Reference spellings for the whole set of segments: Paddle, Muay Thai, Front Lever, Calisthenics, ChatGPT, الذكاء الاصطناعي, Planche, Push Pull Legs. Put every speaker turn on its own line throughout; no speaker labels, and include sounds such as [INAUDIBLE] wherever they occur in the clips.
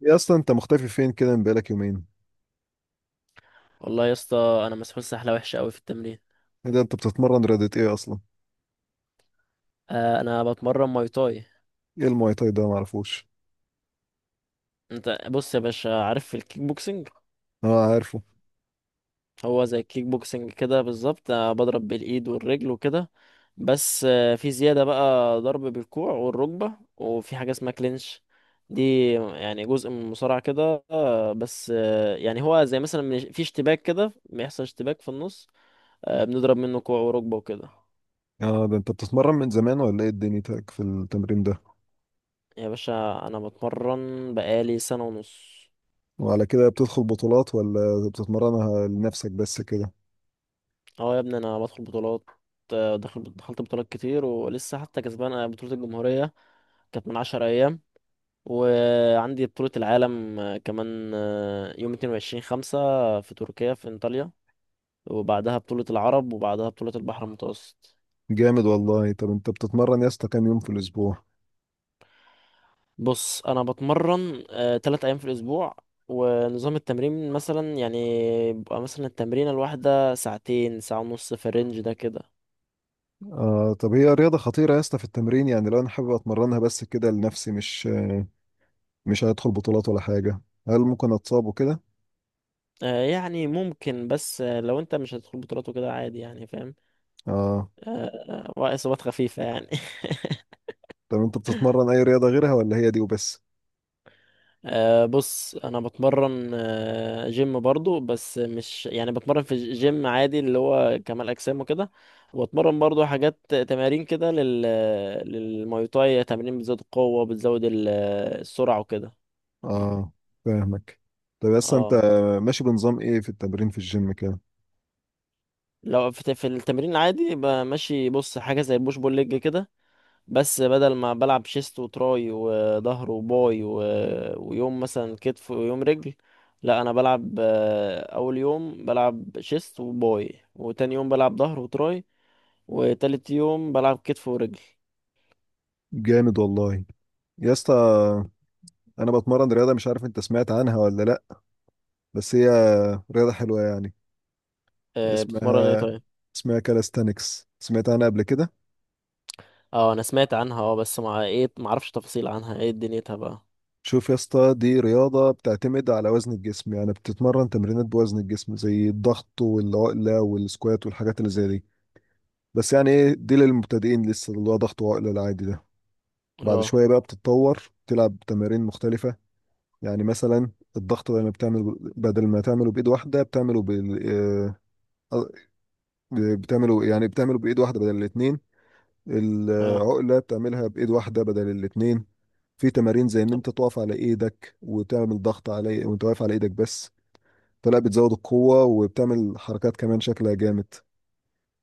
يا، اصلا انت مختفي فين كده من بقالك يومين؟
والله يا اسطى، انا مسحول سحله وحشه قوي في التمرين.
ايه ده، انت بتتمرن رياضة ايه اصلا؟
انا بتمرن ماي تاي.
ايه المواي تاي ده؟ معرفوش.
انت بص يا باشا، عارف الكيك بوكسنج؟
اه عارفه.
هو زي الكيك بوكسنج كده بالظبط، بضرب بالايد والرجل وكده. بس في زياده بقى، ضرب بالكوع والركبه، وفي حاجه اسمها كلينش. دي يعني جزء من المصارعه كده، بس يعني هو زي مثلا في اشتباك كده، بيحصل اشتباك في النص. بنضرب منه كوع وركبه وكده.
اه ده انت بتتمرن من زمان ولا ايه دنيتك في التمرين ده؟
يا باشا، انا بتمرن بقالي سنه ونص.
وعلى كده بتدخل بطولات ولا بتتمرنها لنفسك بس كده؟
اه يا ابني، انا بدخل بطولات. دخلت بطولات كتير ولسه حتى كسبان. بطولة الجمهورية كانت من 10 ايام، وعندي بطولة العالم كمان، يوم 22 خمسة، في تركيا في انطاليا. وبعدها بطولة العرب، وبعدها بطولة البحر المتوسط.
جامد والله. طب انت بتتمرن يا اسطى كام يوم في الاسبوع؟
بص، انا بتمرن 3 ايام في الاسبوع. ونظام التمرين مثلا يعني بيبقى مثلا التمرينة الواحدة ساعتين، ساعة ونص في الرينج ده كده.
آه طب هي رياضة خطيرة يا اسطى في التمرين؟ يعني لو انا حابب اتمرنها بس كده لنفسي، مش مش هدخل بطولات ولا حاجة، هل ممكن اتصاب وكده؟
يعني ممكن، بس لو انت مش هتدخل بطولات وكده عادي، يعني فاهم.
اه.
وإصابات خفيفة يعني. [LAUGHS]
طب انت بتتمرن اي رياضة غيرها ولا هي دي وبس؟
بص، أنا بتمرن جيم برضو، بس مش يعني بتمرن في جيم عادي اللي هو كمال أجسام وكده. وأتمرن برضو حاجات تمارين كده للماي تاي، تمارين بتزود القوة، بتزود السرعة وكده. فاهم؟
اه فاهمك. طب يا اسطى انت،
اه.
ماشي بنظام ايه في التمرين في الجيم كده؟
لو في التمرين العادي بمشي، بص حاجة زي البوش بول ليج كده. بس بدل ما بلعب شيست وتراي وظهر وباي ويوم مثلا كتف ويوم رجل. لا، انا بلعب اول يوم بلعب شيست وباي، وتاني يوم بلعب ظهر وتراي، وتالت يوم بلعب كتف ورجل.
جامد والله. يا اسطى، انا بتمرن رياضه مش عارف انت سمعت عنها ولا لا، بس هي رياضه حلوه يعني،
بتمرن ايه
اسمها،
طيب؟
اسمها كالستانكس، سمعت عنها قبل كده؟
اه، انا سمعت عنها اه، بس مع ايه ما اعرفش تفاصيل عنها. ايه دنيتها بقى؟
شوف يا اسطى، دي رياضه بتعتمد على وزن الجسم، يعني بتتمرن تمرينات بوزن الجسم زي الضغط والعقله والسكوات والحاجات اللي زي دي. بس يعني ايه، دي للمبتدئين لسه، اللي هو ضغط وعقله العادي ده. بعد
اه.
شويه بقى بتتطور، تلعب تمارين مختلفه. يعني مثلا، الضغط بدل ما تعمله بايد واحده، بتعمله بال آه، بتعمله، يعني بتعمله بايد واحده بدل الاتنين.
اه.
العقله بتعملها بايد واحده بدل الاتنين. في تمارين زي ان
طب.
انت تقف على ايدك وتعمل ضغط، على وانت واقف على ايدك بس، فلا بتزود القوه وبتعمل حركات كمان شكلها جامد.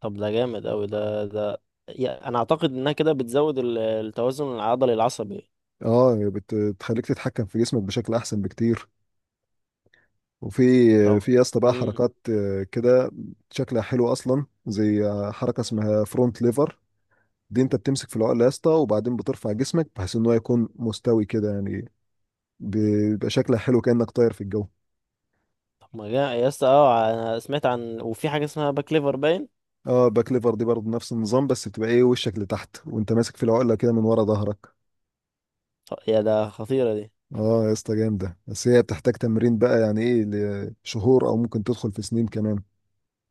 طب ده جامد اوي، ده. انا اعتقد انها كده بتزود التوازن العضلي العصبي.
اه بتخليك تتحكم في جسمك بشكل احسن بكتير. وفي
طب
في يا اسطى بقى حركات كده شكلها حلو اصلا، زي حركه اسمها فرونت ليفر. دي انت بتمسك في العقله يا اسطى وبعدين بترفع جسمك بحيث ان هو يكون مستوي كده، يعني بيبقى شكلها حلو كانك طاير في الجو.
ما جا يا اسطى، اه انا سمعت عن، وفي حاجه اسمها باك ليفر باين.
اه، باك ليفر دي برضه نفس النظام، بس بتبقى ايه، وشك لتحت وانت ماسك في العقله كده من ورا ظهرك.
اه، يا ده خطيره دي.
اه يا اسطى جامده، بس هي بتحتاج تمرين بقى يعني ايه، لشهور او ممكن تدخل في سنين كمان.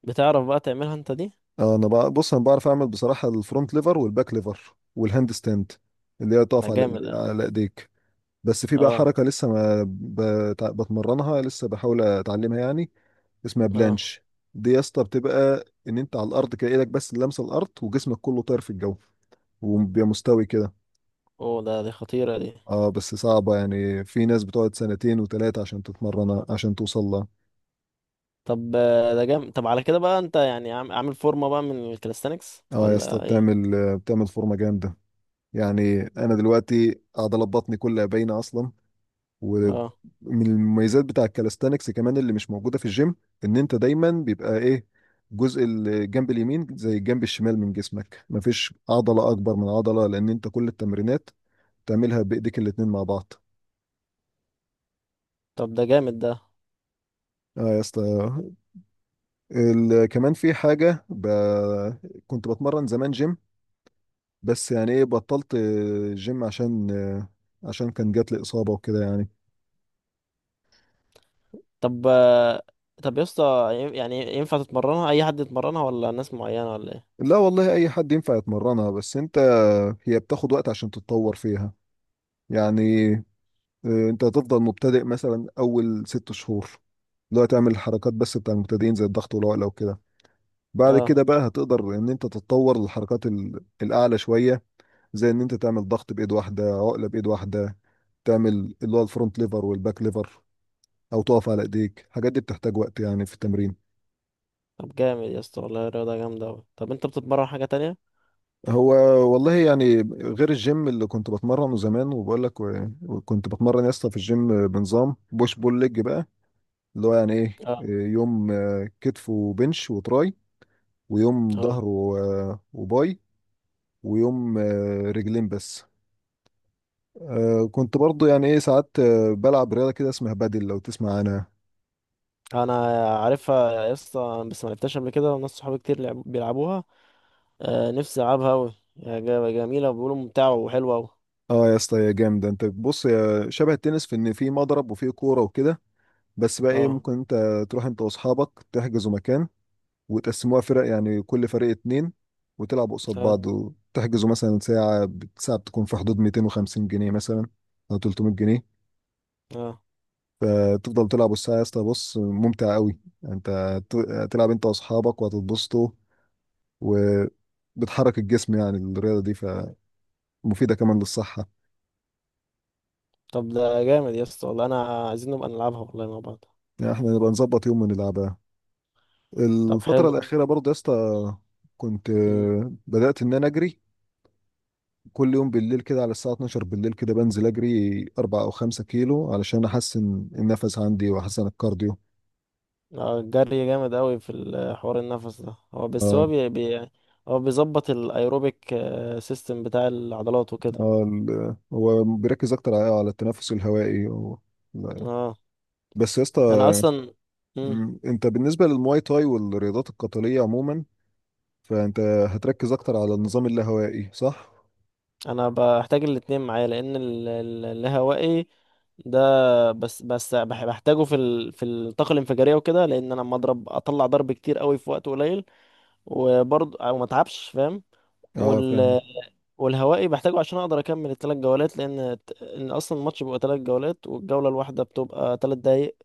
بتعرف بقى تعملها انت دي؟
اه انا بقى، بص انا بعرف اعمل بصراحه الفرونت ليفر والباك ليفر والهاند ستاند، اللي هي تقف
ده
على
جامد، اه.
ايديك. بس في بقى
اه.
حركه لسه ما بت- بتمرنها، لسه بحاول اتعلمها يعني، اسمها
اه.
بلانش. دي يا اسطى بتبقى ان انت على الارض كده، ايدك بس اللي لامسه الارض وجسمك كله طاير في الجو، وبيبقى مستوي كده.
اوه، دي خطيره دي.
اه بس صعبة، يعني في ناس بتقعد سنتين وتلاتة عشان تتمرن عشان توصل لها.
طب، ده جامد. طب على كده بقى انت يعني عامل فورمه بقى من الكاليستانكس
اه يا اسطى،
ولا ايه؟
بتعمل فورمة جامدة، يعني انا دلوقتي عضلات بطني كلها باينة اصلا. ومن
اه.
المميزات بتاع الكالستانكس كمان اللي مش موجودة في الجيم، ان انت دايما بيبقى ايه، جزء الجنب اليمين زي الجنب الشمال من جسمك، مفيش عضلة اكبر من عضلة، لان انت كل التمرينات تعملها بايديك الاتنين مع بعض.
طب ده جامد ده.
اه يا اسطى، كمان في حاجة كنت بتمرن زمان جيم، بس يعني ايه بطلت جيم، عشان كان جات لي إصابة وكده يعني.
طب، طب يا اسطى، يعني ينفع تتمرنها اي حد يتمرنها ولا ناس معينه ولا ايه؟
لا والله، أي حد ينفع يتمرنها، بس أنت هي بتاخد وقت عشان تتطور فيها. يعني انت هتفضل مبتدئ مثلا اول 6 شهور، اللي هو تعمل الحركات بس بتاع المبتدئين زي الضغط والعقله وكده. بعد
اه.
كده بقى هتقدر ان انت تتطور للحركات الاعلى شويه، زي ان انت تعمل ضغط بايد واحده، عقله بايد واحده، تعمل اللي هو الفرونت ليفر والباك ليفر، او تقف على ايديك. الحاجات دي بتحتاج وقت يعني في التمرين.
طب جامد يا اسطى والله، الرياضه جامده اوي. طب انت بتتمرن حاجه تانية؟
هو والله يعني، غير الجيم اللي كنت بتمرنه زمان وبقول لك، وكنت بتمرن يا اسطى في الجيم بنظام بوش بول ليج بقى، اللي هو يعني ايه،
اه.
يوم كتف وبنش وتراي، ويوم
اه
ظهر وباي، ويوم رجلين بس. كنت برضو يعني ايه ساعات بلعب رياضة كده اسمها بادل، لو تسمع عنها.
انا عارفها يا اسطى، بس ما لعبتهاش قبل كده، وناس صحابي كتير بيلعبوها. آه، نفسي العبها قوي، جميله، وبيقولوا ممتعه وحلوه قوي.
اه يا اسطى يا جامدة، انت بص يا، شبه التنس، في ان في مضرب وفي كورة وكده. بس بقى ايه،
اه،
ممكن انت تروح انت واصحابك تحجزوا مكان، وتقسموها فرق يعني كل فريق اتنين، وتلعبوا قصاد
اه،
بعض، وتحجزوا مثلا ساعة. ساعة بتكون في حدود 250 جنيه مثلا او 300 جنيه.
اه.
فتفضل تلعب الساعة يا اسطى، بص ممتع قوي، انت تلعب انت واصحابك وهتتبسطوا، وبتحرك الجسم يعني الرياضة دي، فمفيدة كمان للصحة.
طب ده جامد يا اسطى والله، انا عايزين نبقى نلعبها والله مع بعض.
يعني احنا نبقى نظبط يوم ونلعبها.
طب
الفترة
حلو.
الأخيرة برضه يا اسطى كنت
امم.
بدأت إن أنا أجري كل يوم بالليل كده، على الساعة 12 بالليل كده بنزل أجري 4 أو 5 كيلو، علشان أحسن النفس عندي وأحسن الكارديو.
الجري جامد قوي في حوار النفس ده. هو بس
آه.
هو هو بيظبط الايروبيك سيستم بتاع العضلات وكده.
آه، هو بيركز أكتر على التنفس الهوائي
اه.
بس يا اسطى
انا اصلا
انت بالنسبة للمواي تاي والرياضات القتالية عموما، فانت هتركز اكتر على النظام اللاهوائي صح؟
انا بحتاج الاتنين معايا، لان الهوائي ده، بس بحتاجه في الطاقه الانفجاريه وكده، لان انا لما اضرب اطلع ضرب كتير قوي في وقت قليل. وبرضه او ما اتعبش، فاهم.
اه فاهمك.
وال... والهوائي بحتاجه عشان اقدر اكمل الثلاث جولات، لان ان اصلا الماتش بيبقى 3 جولات، والجوله الواحده بتبقى 3 دقايق.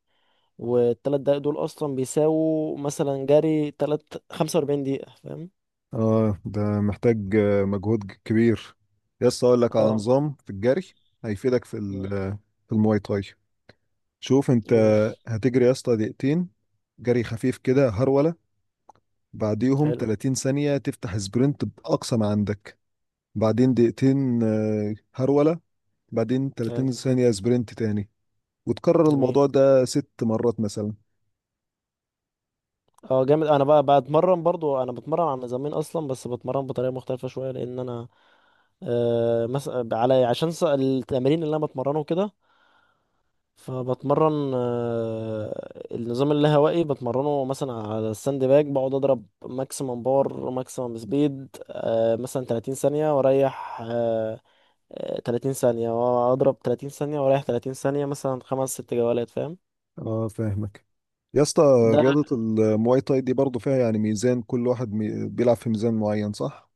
والثلاث دقايق دول اصلا بيساووا مثلا جري، 45 دقيقه، فاهم.
اه ده محتاج مجهود كبير. يس، اقول لك على
اه.
نظام في الجري هيفيدك في
مم.
في المواي تاي. شوف انت
قول.
هتجري يا اسطى دقيقتين جري خفيف كده، هرولة، بعديهم
حلو.
30 ثانية تفتح سبرنت بأقصى ما عندك. بعدين دقيقتين هرولة، بعدين
حلو.
30 ثانية سبرنت تاني، وتكرر
جميل.
الموضوع ده 6 مرات مثلا.
اه جامد. انا بقى بتمرن برضو، انا بتمرن على نظامين اصلا، بس بتمرن بطريقه مختلفه شويه، لان انا آه مثلا على عشان التمارين اللي انا بتمرنه كده، فبتمرن النظام اللاهوائي، بتمرنه مثلا على الساند باج، بقعد اضرب ماكسيمم باور ماكسيمم سبيد، مثلا 30 ثانيه واريح 30 ثانيه واضرب 30 ثانيه واريح 30 ثانيه مثلا خمس ست جولات، فاهم.
اه فاهمك. يا اسطى،
ده
رياضة المواي تاي دي برضه فيها يعني ميزان، كل واحد بيلعب في ميزان معين صح؟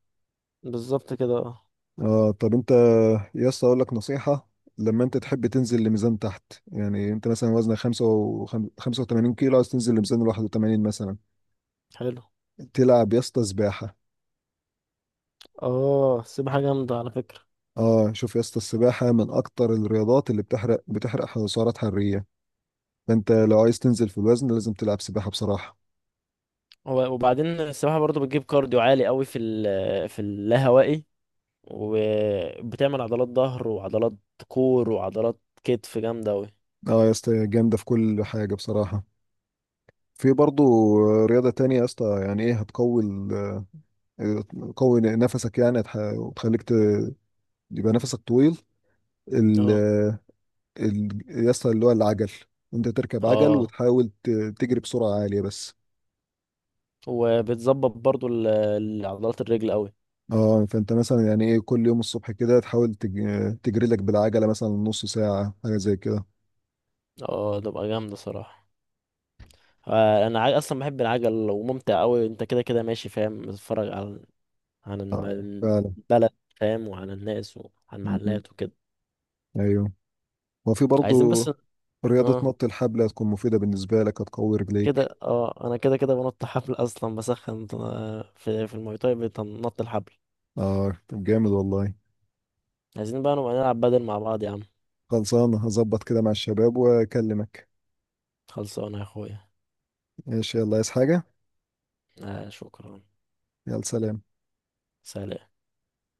بالظبط كده، اه.
اه. طب انت يا اسطى اقول لك نصيحة، لما انت تحب تنزل لميزان تحت، يعني انت مثلا وزنك 85 كيلو، عايز تنزل لميزان 81 مثلا،
حلو.
تلعب يا اسطى سباحة.
اه، سيب حاجه جامده على فكره.
اه شوف يا اسطى، السباحة من اكتر الرياضات اللي بتحرق سعرات حرارية، فانت لو عايز تنزل في الوزن لازم تلعب سباحة بصراحة.
وبعدين السباحة برضو بتجيب كارديو عالي قوي في ال في اللاهوائي، وبتعمل عضلات ظهر وعضلات كور وعضلات كتف جامدة قوي.
اه يا اسطى جامدة في كل حاجة بصراحة. في برضو رياضة تانية يا اسطى، يعني ايه هتقوي آه، تقوي نفسك، يعني وتخليك يبقى نفسك طويل، ال...
اه.
يا اسطى اللي هو العجل، انت تركب عجل
اه،
وتحاول تجري بسرعة عالية بس.
وبتظبط برضو عضلات الرجل قوي.
اه. فانت مثلا يعني ايه كل يوم الصبح كده تحاول تجري لك بالعجلة مثلا نص ساعة حاجة زي كده.
اه، تبقى جامدة صراحة. انا اصلا بحب العجل وممتع قوي، انت كده كده ماشي فاهم، بتتفرج على، عن
اه فعلا.
البلد، فاهم، وعن الناس، وعن
م-
المحلات وكده.
ايوه. وفي برضو
عايزين بس.
رياضة
اه،
نط الحبل، هتكون مفيدة بالنسبة لك، هتقوي رجليك.
كده، اه انا كده كده بنط حبل اصلا، بسخن في الماي تاي بنط الحبل.
اه طب جامد والله.
عايزين بقى نبقى نلعب بدل مع بعض يا عم.
خلصانه، هظبط كده مع الشباب واكلمك.
خلصانه يا اخويا.
ماشي، يلا. عايز حاجه؟
شكرا.
يلا سلام.
سلام.